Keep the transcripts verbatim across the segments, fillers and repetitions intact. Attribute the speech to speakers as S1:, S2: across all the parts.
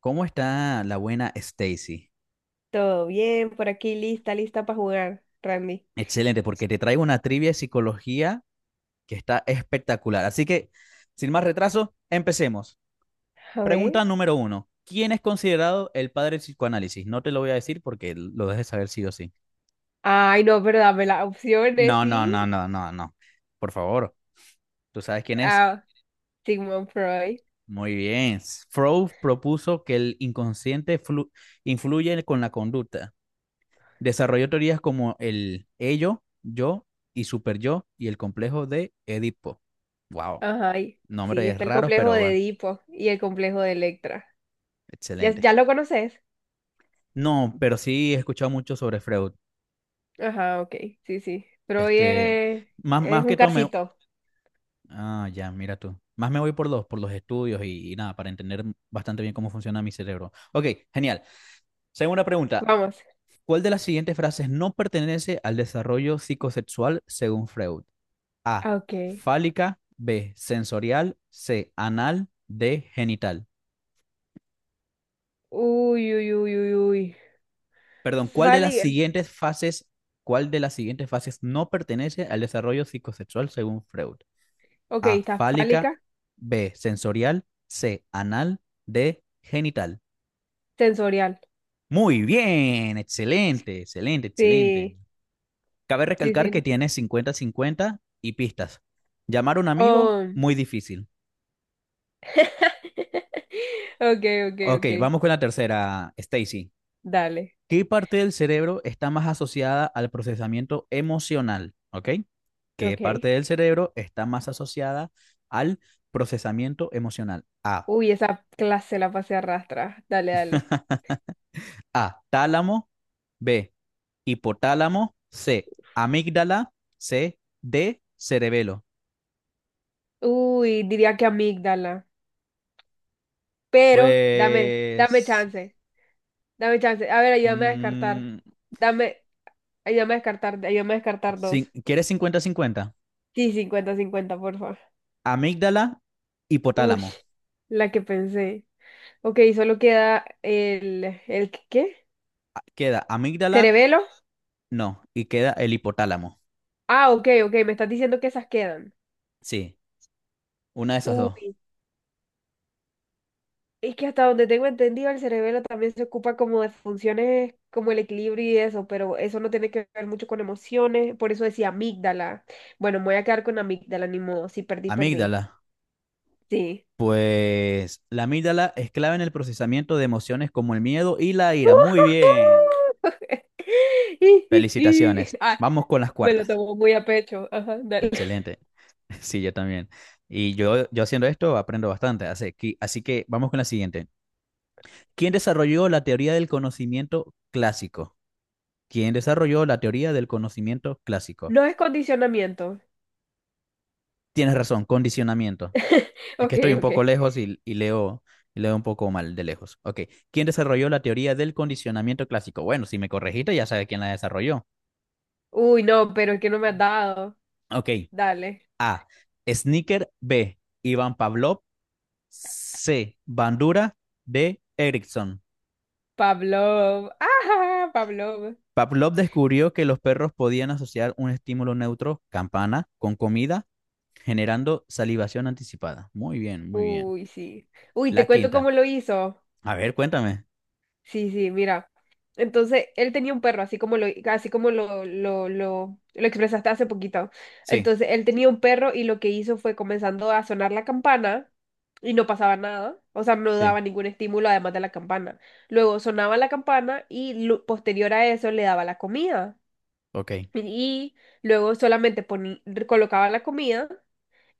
S1: ¿Cómo está la buena Stacy?
S2: Todo bien, por aquí lista, lista para jugar, Randy.
S1: Excelente, porque te traigo una trivia de psicología que está espectacular. Así que, sin más retraso, empecemos.
S2: A ver.
S1: Pregunta número uno. ¿Quién es considerado el padre del psicoanálisis? No te lo voy a decir porque lo dejes saber sí o sí.
S2: Ay, no, pero dame las opciones,
S1: No, no,
S2: sí.
S1: no, no, no, no. Por favor, ¿tú sabes quién es?
S2: Ah, Sigmund Freud.
S1: Muy bien. Freud propuso que el inconsciente flu- influye con la conducta. Desarrolló teorías como el ello, yo y superyo y el complejo de Edipo. Wow,
S2: Ajá, y- sí,
S1: nombres
S2: está el
S1: raros,
S2: complejo
S1: pero
S2: de
S1: bueno,
S2: Edipo y el complejo de Electra. ¿Ya,
S1: excelente.
S2: ya lo conoces?
S1: No, pero sí he escuchado mucho sobre Freud.
S2: Ajá, ok, sí, sí. Freud
S1: Este,
S2: es,
S1: más,
S2: es
S1: más que
S2: un
S1: todo me.
S2: casito.
S1: Ah, ya, mira tú. Más me voy por los, por los estudios y, y nada, para entender bastante bien cómo funciona mi cerebro. Ok, genial. Segunda pregunta.
S2: Vamos.
S1: ¿Cuál de las siguientes frases no pertenece al desarrollo psicosexual según Freud? A.
S2: Ah, ok.
S1: Fálica. B. Sensorial. C. Anal. D. Genital.
S2: Uy, uy, uy, uy, uy.
S1: Perdón, ¿cuál de las
S2: Fálica.
S1: siguientes fases, cuál de las siguientes fases no pertenece al desarrollo psicosexual según Freud?
S2: Ok,
S1: A.
S2: está fálica,
S1: Fálica. B. Sensorial. C. Anal. D. Genital.
S2: sensorial.
S1: Muy bien, excelente, excelente, excelente.
S2: Sí,
S1: Cabe
S2: sí,
S1: recalcar que
S2: sí.
S1: tiene cincuenta cincuenta y pistas. Llamar a un amigo,
S2: Oh.
S1: muy difícil.
S2: Ok, ok,
S1: Ok,
S2: ok.
S1: vamos con la tercera, Stacy.
S2: Dale.
S1: ¿Qué parte del cerebro está más asociada al procesamiento emocional? ¿Ok? ¿Qué
S2: Ok.
S1: parte del cerebro está más asociada al procesamiento emocional? A.
S2: Uy, esa clase la pasé a arrastra. Dale, dale.
S1: A. Tálamo. B. Hipotálamo. C. Amígdala. C. D. Cerebelo.
S2: Uy, diría que amígdala. Pero, dame, dame
S1: Pues,
S2: chance. Dame chance. A ver, ayúdame a descartar.
S1: mm,
S2: Dame, ayúdame a descartar, ayúdame a descartar dos.
S1: cin- quieres cincuenta-cincuenta,
S2: Sí, cincuenta, cincuenta, por favor.
S1: amígdala,
S2: Uy,
S1: hipotálamo.
S2: la que pensé. Ok, solo queda el, el, ¿qué?
S1: Ah, Queda amígdala,
S2: ¿Cerebelo?
S1: no. Y queda el hipotálamo.
S2: Ah, ok, ok, me estás diciendo que esas quedan.
S1: Sí, una de esas dos.
S2: Uy. Es que hasta donde tengo entendido, el cerebelo también se ocupa como de funciones como el equilibrio y eso, pero eso no tiene que ver mucho con emociones, por eso decía amígdala. Bueno, me voy a quedar con amígdala, ni modo, si perdí, perdí.
S1: Amígdala.
S2: Sí.
S1: Pues la amígdala es clave en el procesamiento de emociones como el miedo y la ira. Muy bien. Felicitaciones.
S2: Ah,
S1: Vamos con las
S2: me lo
S1: cuartas.
S2: tomo muy a pecho. Ajá, dale.
S1: Excelente. Sí, yo también. Y yo, yo haciendo esto aprendo bastante. Así que, así que vamos con la siguiente. ¿Quién desarrolló la teoría del conocimiento clásico? ¿Quién desarrolló la teoría del conocimiento clásico?
S2: No es condicionamiento.
S1: Tienes razón, condicionamiento. Es que
S2: Ok,
S1: estoy un
S2: ok.
S1: poco lejos y, y leo, y leo un poco mal de lejos. Ok. ¿Quién desarrolló la teoría del condicionamiento clásico? Bueno, si me corregiste, ya sabes quién la desarrolló.
S2: Uy, no, pero es que no me has dado.
S1: Ok.
S2: Dale.
S1: A. Snicker. B. Iván Pavlov. C. Bandura. D. Erickson.
S2: Pablo. Ajá, Pablo.
S1: Pavlov descubrió que los perros podían asociar un estímulo neutro, campana, con comida, generando salivación anticipada. Muy bien, muy bien.
S2: Uy, sí. Uy,
S1: La
S2: te cuento
S1: quinta.
S2: cómo lo hizo.
S1: A ver, cuéntame.
S2: Sí, sí, mira. Entonces, él tenía un perro, así como lo, así como lo, lo, lo, lo expresaste hace poquito.
S1: Sí,
S2: Entonces, él tenía un perro y lo que hizo fue comenzando a sonar la campana y no pasaba nada. O sea, no
S1: sí.
S2: daba ningún estímulo además de la campana. Luego sonaba la campana y lu- posterior a eso le daba la comida.
S1: Ok,
S2: Y luego solamente poni- colocaba la comida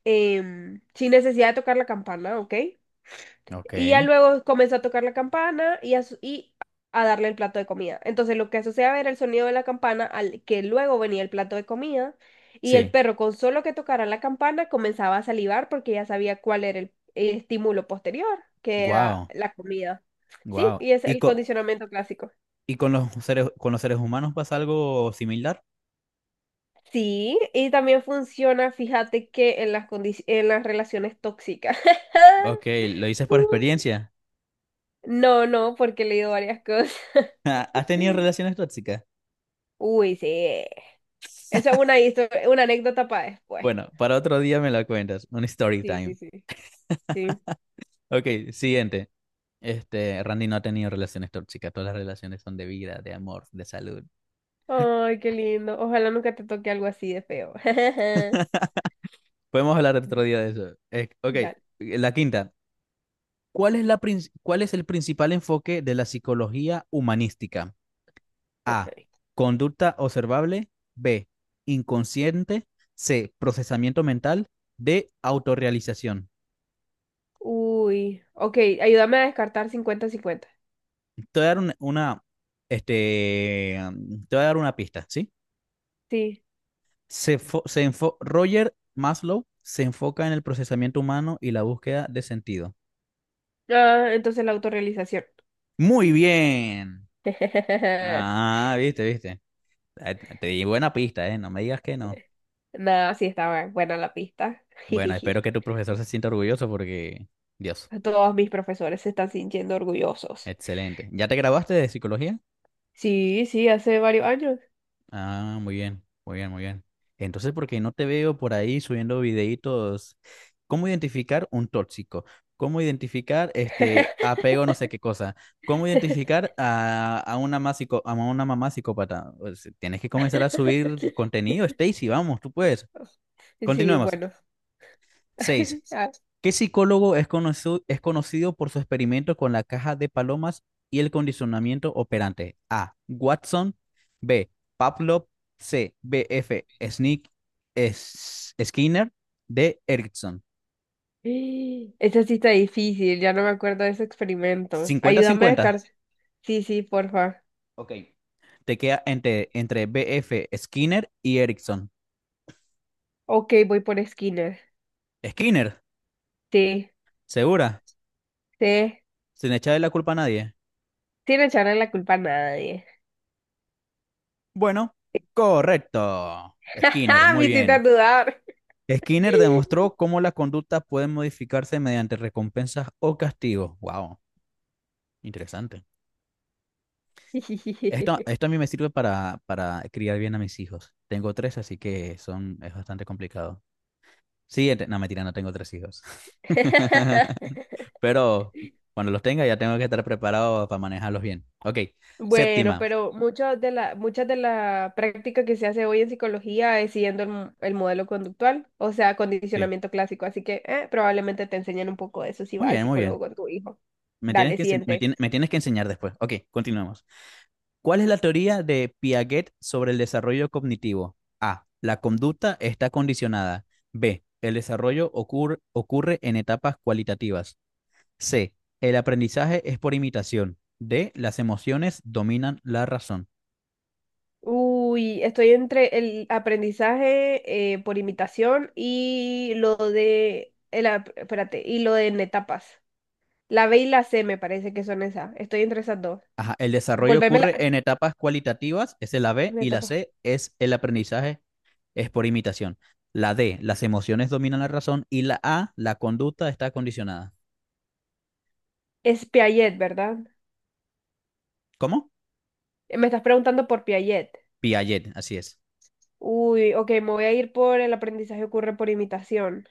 S2: em, sin necesidad de tocar la campana, ¿ok?
S1: ok.
S2: Y ya luego comenzó a tocar la campana y a, su- y a darle el plato de comida. Entonces lo que asociaba era el sonido de la campana al que luego venía el plato de comida. Y el
S1: Sí.
S2: perro con solo que tocara la campana comenzaba a salivar porque ya sabía cuál era el, el estímulo posterior, que era
S1: Wow.
S2: la comida. Sí,
S1: Wow.
S2: y es
S1: ¿Y
S2: el
S1: con,
S2: condicionamiento clásico.
S1: y con los seres, con los seres humanos pasa algo similar?
S2: Sí, y también funciona, fíjate que en las condici- en las relaciones tóxicas.
S1: Ok, lo dices por experiencia.
S2: No, no, porque he leído varias cosas.
S1: ¿Has tenido relaciones tóxicas?
S2: Uy, sí. Esa es una, histo- una anécdota para después.
S1: Bueno, para otro día me la cuentas. Un story
S2: Sí, sí,
S1: time.
S2: sí, sí.
S1: Ok, siguiente. Este, Randy no ha tenido relaciones tóxicas. Todas las relaciones son de vida, de amor, de salud.
S2: Ay, qué lindo. Ojalá nunca te toque algo así de feo.
S1: Podemos hablar otro día de eso. Eh, ok,
S2: Dale,
S1: la quinta. ¿Cuál es la, prin- cuál es el principal enfoque de la psicología humanística? A.
S2: ok.
S1: Conducta observable. B. Inconsciente. C. Procesamiento mental. D. Autorrealización.
S2: Uy, ok, ayúdame a descartar cincuenta-cincuenta.
S1: Te voy a dar un- una, este, um, te voy a dar una pista, ¿sí?
S2: Sí.
S1: Se fo- se enfo- Roger Maslow se enfoca en el procesamiento humano y la búsqueda de sentido.
S2: Ah, entonces la autorrealización.
S1: Muy bien. Ah, viste, viste. Eh, Te di buena pista, ¿eh? No me digas que no.
S2: Nada, sí estaba buena la pista.
S1: Bueno, espero que tu profesor se sienta orgulloso porque, Dios,
S2: Todos mis profesores se están sintiendo orgullosos.
S1: excelente. ¿Ya te graduaste de psicología?
S2: Sí, sí, hace varios años.
S1: Ah, muy bien, muy bien, muy bien. ¿Entonces, porque no te veo por ahí subiendo videitos? ¿Cómo identificar un tóxico? ¿Cómo identificar este apego no sé qué cosa? ¿Cómo identificar a, a una más psico- a una mamá psicópata? Pues, tienes que comenzar a subir contenido, Stacy, vamos, tú puedes.
S2: Sí,
S1: Continuemos.
S2: bueno.
S1: Seis. ¿Qué psicólogo es conocido, es conocido por su experimento con la caja de palomas y el condicionamiento operante? A. Watson. B. Pavlov. C. B F. Sneak, es- Skinner. D. Erickson.
S2: Esa sí está difícil, ya no me acuerdo de ese experimento. Ayúdame de
S1: Cincuenta-cincuenta.
S2: cárcel. Sí, sí, porfa.
S1: Ok. Te queda entre, entre B F. Skinner y Erickson.
S2: Ok, voy por esquinas.
S1: Skinner,
S2: Sí,
S1: segura,
S2: sí.
S1: sin echarle la culpa a nadie.
S2: Sin echarle la culpa a nadie.
S1: Bueno, correcto. Skinner,
S2: Me
S1: muy
S2: hiciste
S1: bien.
S2: dudar.
S1: Skinner demostró cómo la conducta puede modificarse mediante recompensas o castigos. Wow, interesante. Esto, esto a mí me sirve para, para criar bien a mis hijos. Tengo tres, así que son, es bastante complicado. Siguiente. No, mentira, no tengo tres hijos. Pero cuando los tenga ya tengo que estar preparado para manejarlos bien. Ok,
S2: Bueno,
S1: séptima.
S2: pero muchas de la, muchas de la práctica que se hace hoy en psicología es siguiendo el, mo- el modelo conductual, o sea,
S1: Sí.
S2: condicionamiento clásico. Así que eh, probablemente te enseñen un poco de eso si
S1: Muy
S2: vas al
S1: bien, muy bien.
S2: psicólogo con tu hijo.
S1: Me tienes
S2: Dale,
S1: que, ense- me,
S2: siguiente.
S1: tien- me tienes que enseñar después. Ok, continuamos. ¿Cuál es la teoría de Piaget sobre el desarrollo cognitivo? A. La conducta está condicionada. B. El desarrollo ocur- ocurre en etapas cualitativas. C. El aprendizaje es por imitación. D. Las emociones dominan la razón.
S2: Uy, estoy entre el aprendizaje eh, por imitación y lo de, el, ap- espérate, y lo de en etapas. La B y la C me parece que son esas. Estoy entre esas dos.
S1: Ajá, el desarrollo
S2: Volverme la
S1: ocurre en etapas cualitativas, esa es la B,
S2: en
S1: y la
S2: etapas.
S1: C es el aprendizaje es por imitación. La D, las emociones dominan la razón, y la A, la conducta está condicionada.
S2: Es Piaget, ¿verdad?
S1: ¿Cómo?
S2: Eh, Me estás preguntando por Piaget.
S1: Piaget, así es.
S2: Uy, ok, me voy a ir por el aprendizaje ocurre por imitación.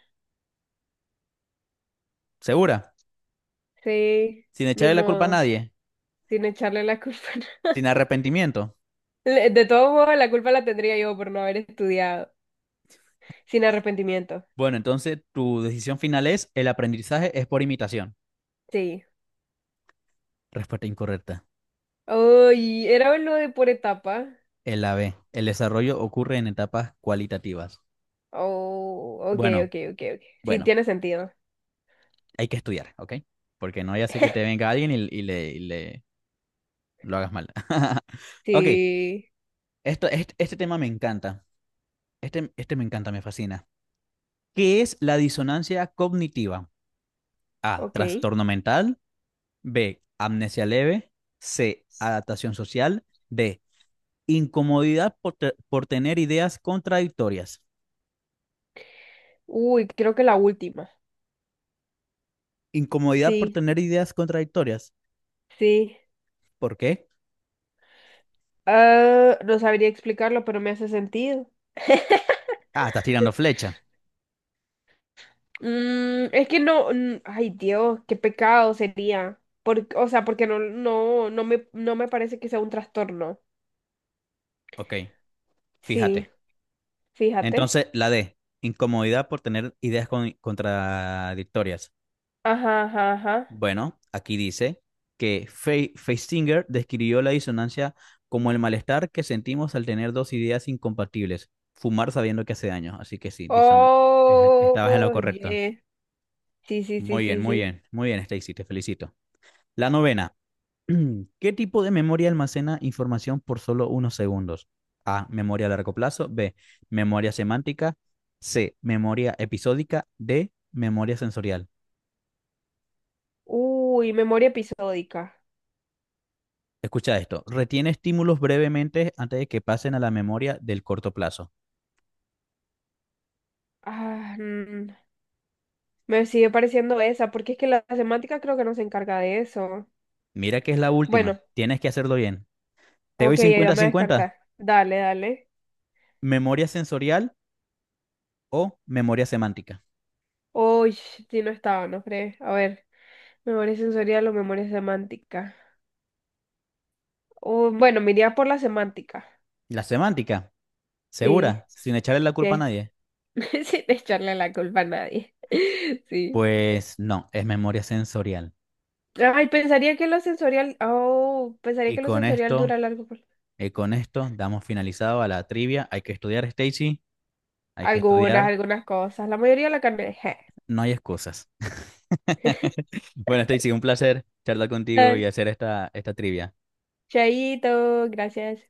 S1: ¿Segura?
S2: Sí,
S1: Sin
S2: ni
S1: echarle la culpa a
S2: modo,
S1: nadie,
S2: sin echarle la culpa.
S1: sin arrepentimiento.
S2: Le- De todos modos, la culpa la tendría yo por no haber estudiado, sin arrepentimiento.
S1: Bueno, entonces tu decisión final es el aprendizaje es por imitación.
S2: Sí.
S1: Respuesta incorrecta.
S2: Uy, era lo de por etapa.
S1: El A B. El desarrollo ocurre en etapas cualitativas.
S2: Oh, ok,
S1: Bueno,
S2: ok, ok, ok. Sí,
S1: bueno,
S2: tiene sentido.
S1: hay que estudiar, ¿ok? Porque no ya sé que te venga alguien y, y le, y le lo hagas mal. Ok,
S2: Sí,
S1: esto, este, este tema me encanta. Este, este me encanta, me fascina. ¿Qué es la disonancia cognitiva? A.
S2: ok.
S1: Trastorno mental. B, amnesia leve. C, adaptación social. D, incomodidad por, te- por tener ideas contradictorias.
S2: Uy, creo que la última.
S1: Incomodidad por
S2: Sí,
S1: tener ideas contradictorias.
S2: sí.
S1: ¿Por qué?
S2: Ah, no sabría explicarlo, pero me hace sentido.
S1: Ah, estás tirando flecha.
S2: Mm, es que no, mm, ay Dios, qué pecado sería. Por- o sea, porque no, no, no me, no me parece que sea un trastorno.
S1: Ok,
S2: Sí,
S1: fíjate.
S2: fíjate.
S1: Entonces, la D, incomodidad por tener ideas con- contradictorias.
S2: Ajá, ajá, ajá.
S1: Bueno, aquí dice que Fe- Feistinger describió la disonancia como el malestar que sentimos al tener dos ideas incompatibles, fumar sabiendo que hace daño. Así que sí, disona- eh, estabas en lo
S2: Oh,
S1: correcto.
S2: yeah. Sí, sí, sí,
S1: Muy bien,
S2: sí,
S1: muy
S2: sí.
S1: bien, muy bien, Stacy, te felicito. La novena. ¿Qué tipo de memoria almacena información por solo unos segundos? A. Memoria a largo plazo. B. Memoria semántica. C. Memoria episódica. D. Memoria sensorial.
S2: Uy, memoria episódica.
S1: Escucha esto, retiene estímulos brevemente antes de que pasen a la memoria del corto plazo.
S2: Ah, mm, me sigue pareciendo esa, porque es que la semántica creo que no se encarga de eso.
S1: Mira que es la última,
S2: Bueno,
S1: tienes que hacerlo bien. Te doy
S2: ok, ahí vamos a
S1: cincuenta-cincuenta.
S2: descartar. Dale, dale.
S1: Memoria sensorial o memoria semántica.
S2: Uy, si no estaba, no crees. A ver, memoria sensorial o memoria semántica. Oh, bueno, me iría por la semántica.
S1: La semántica,
S2: Sí,
S1: segura, sin echarle la culpa a
S2: sí.
S1: nadie.
S2: Sin echarle la culpa a nadie. Sí.
S1: Pues no, es memoria sensorial.
S2: Ay, pensaría que lo sensorial, oh, pensaría
S1: Y
S2: que lo
S1: con
S2: sensorial
S1: esto,
S2: dura largo. Por-
S1: y con esto damos finalizado a la trivia. Hay que estudiar, Stacy, hay que
S2: Algunas,
S1: estudiar,
S2: algunas cosas. La mayoría la carne.
S1: no hay excusas. Bueno, Stacy, un placer charlar contigo y
S2: Dale,
S1: hacer esta, esta trivia.
S2: Chaito, gracias.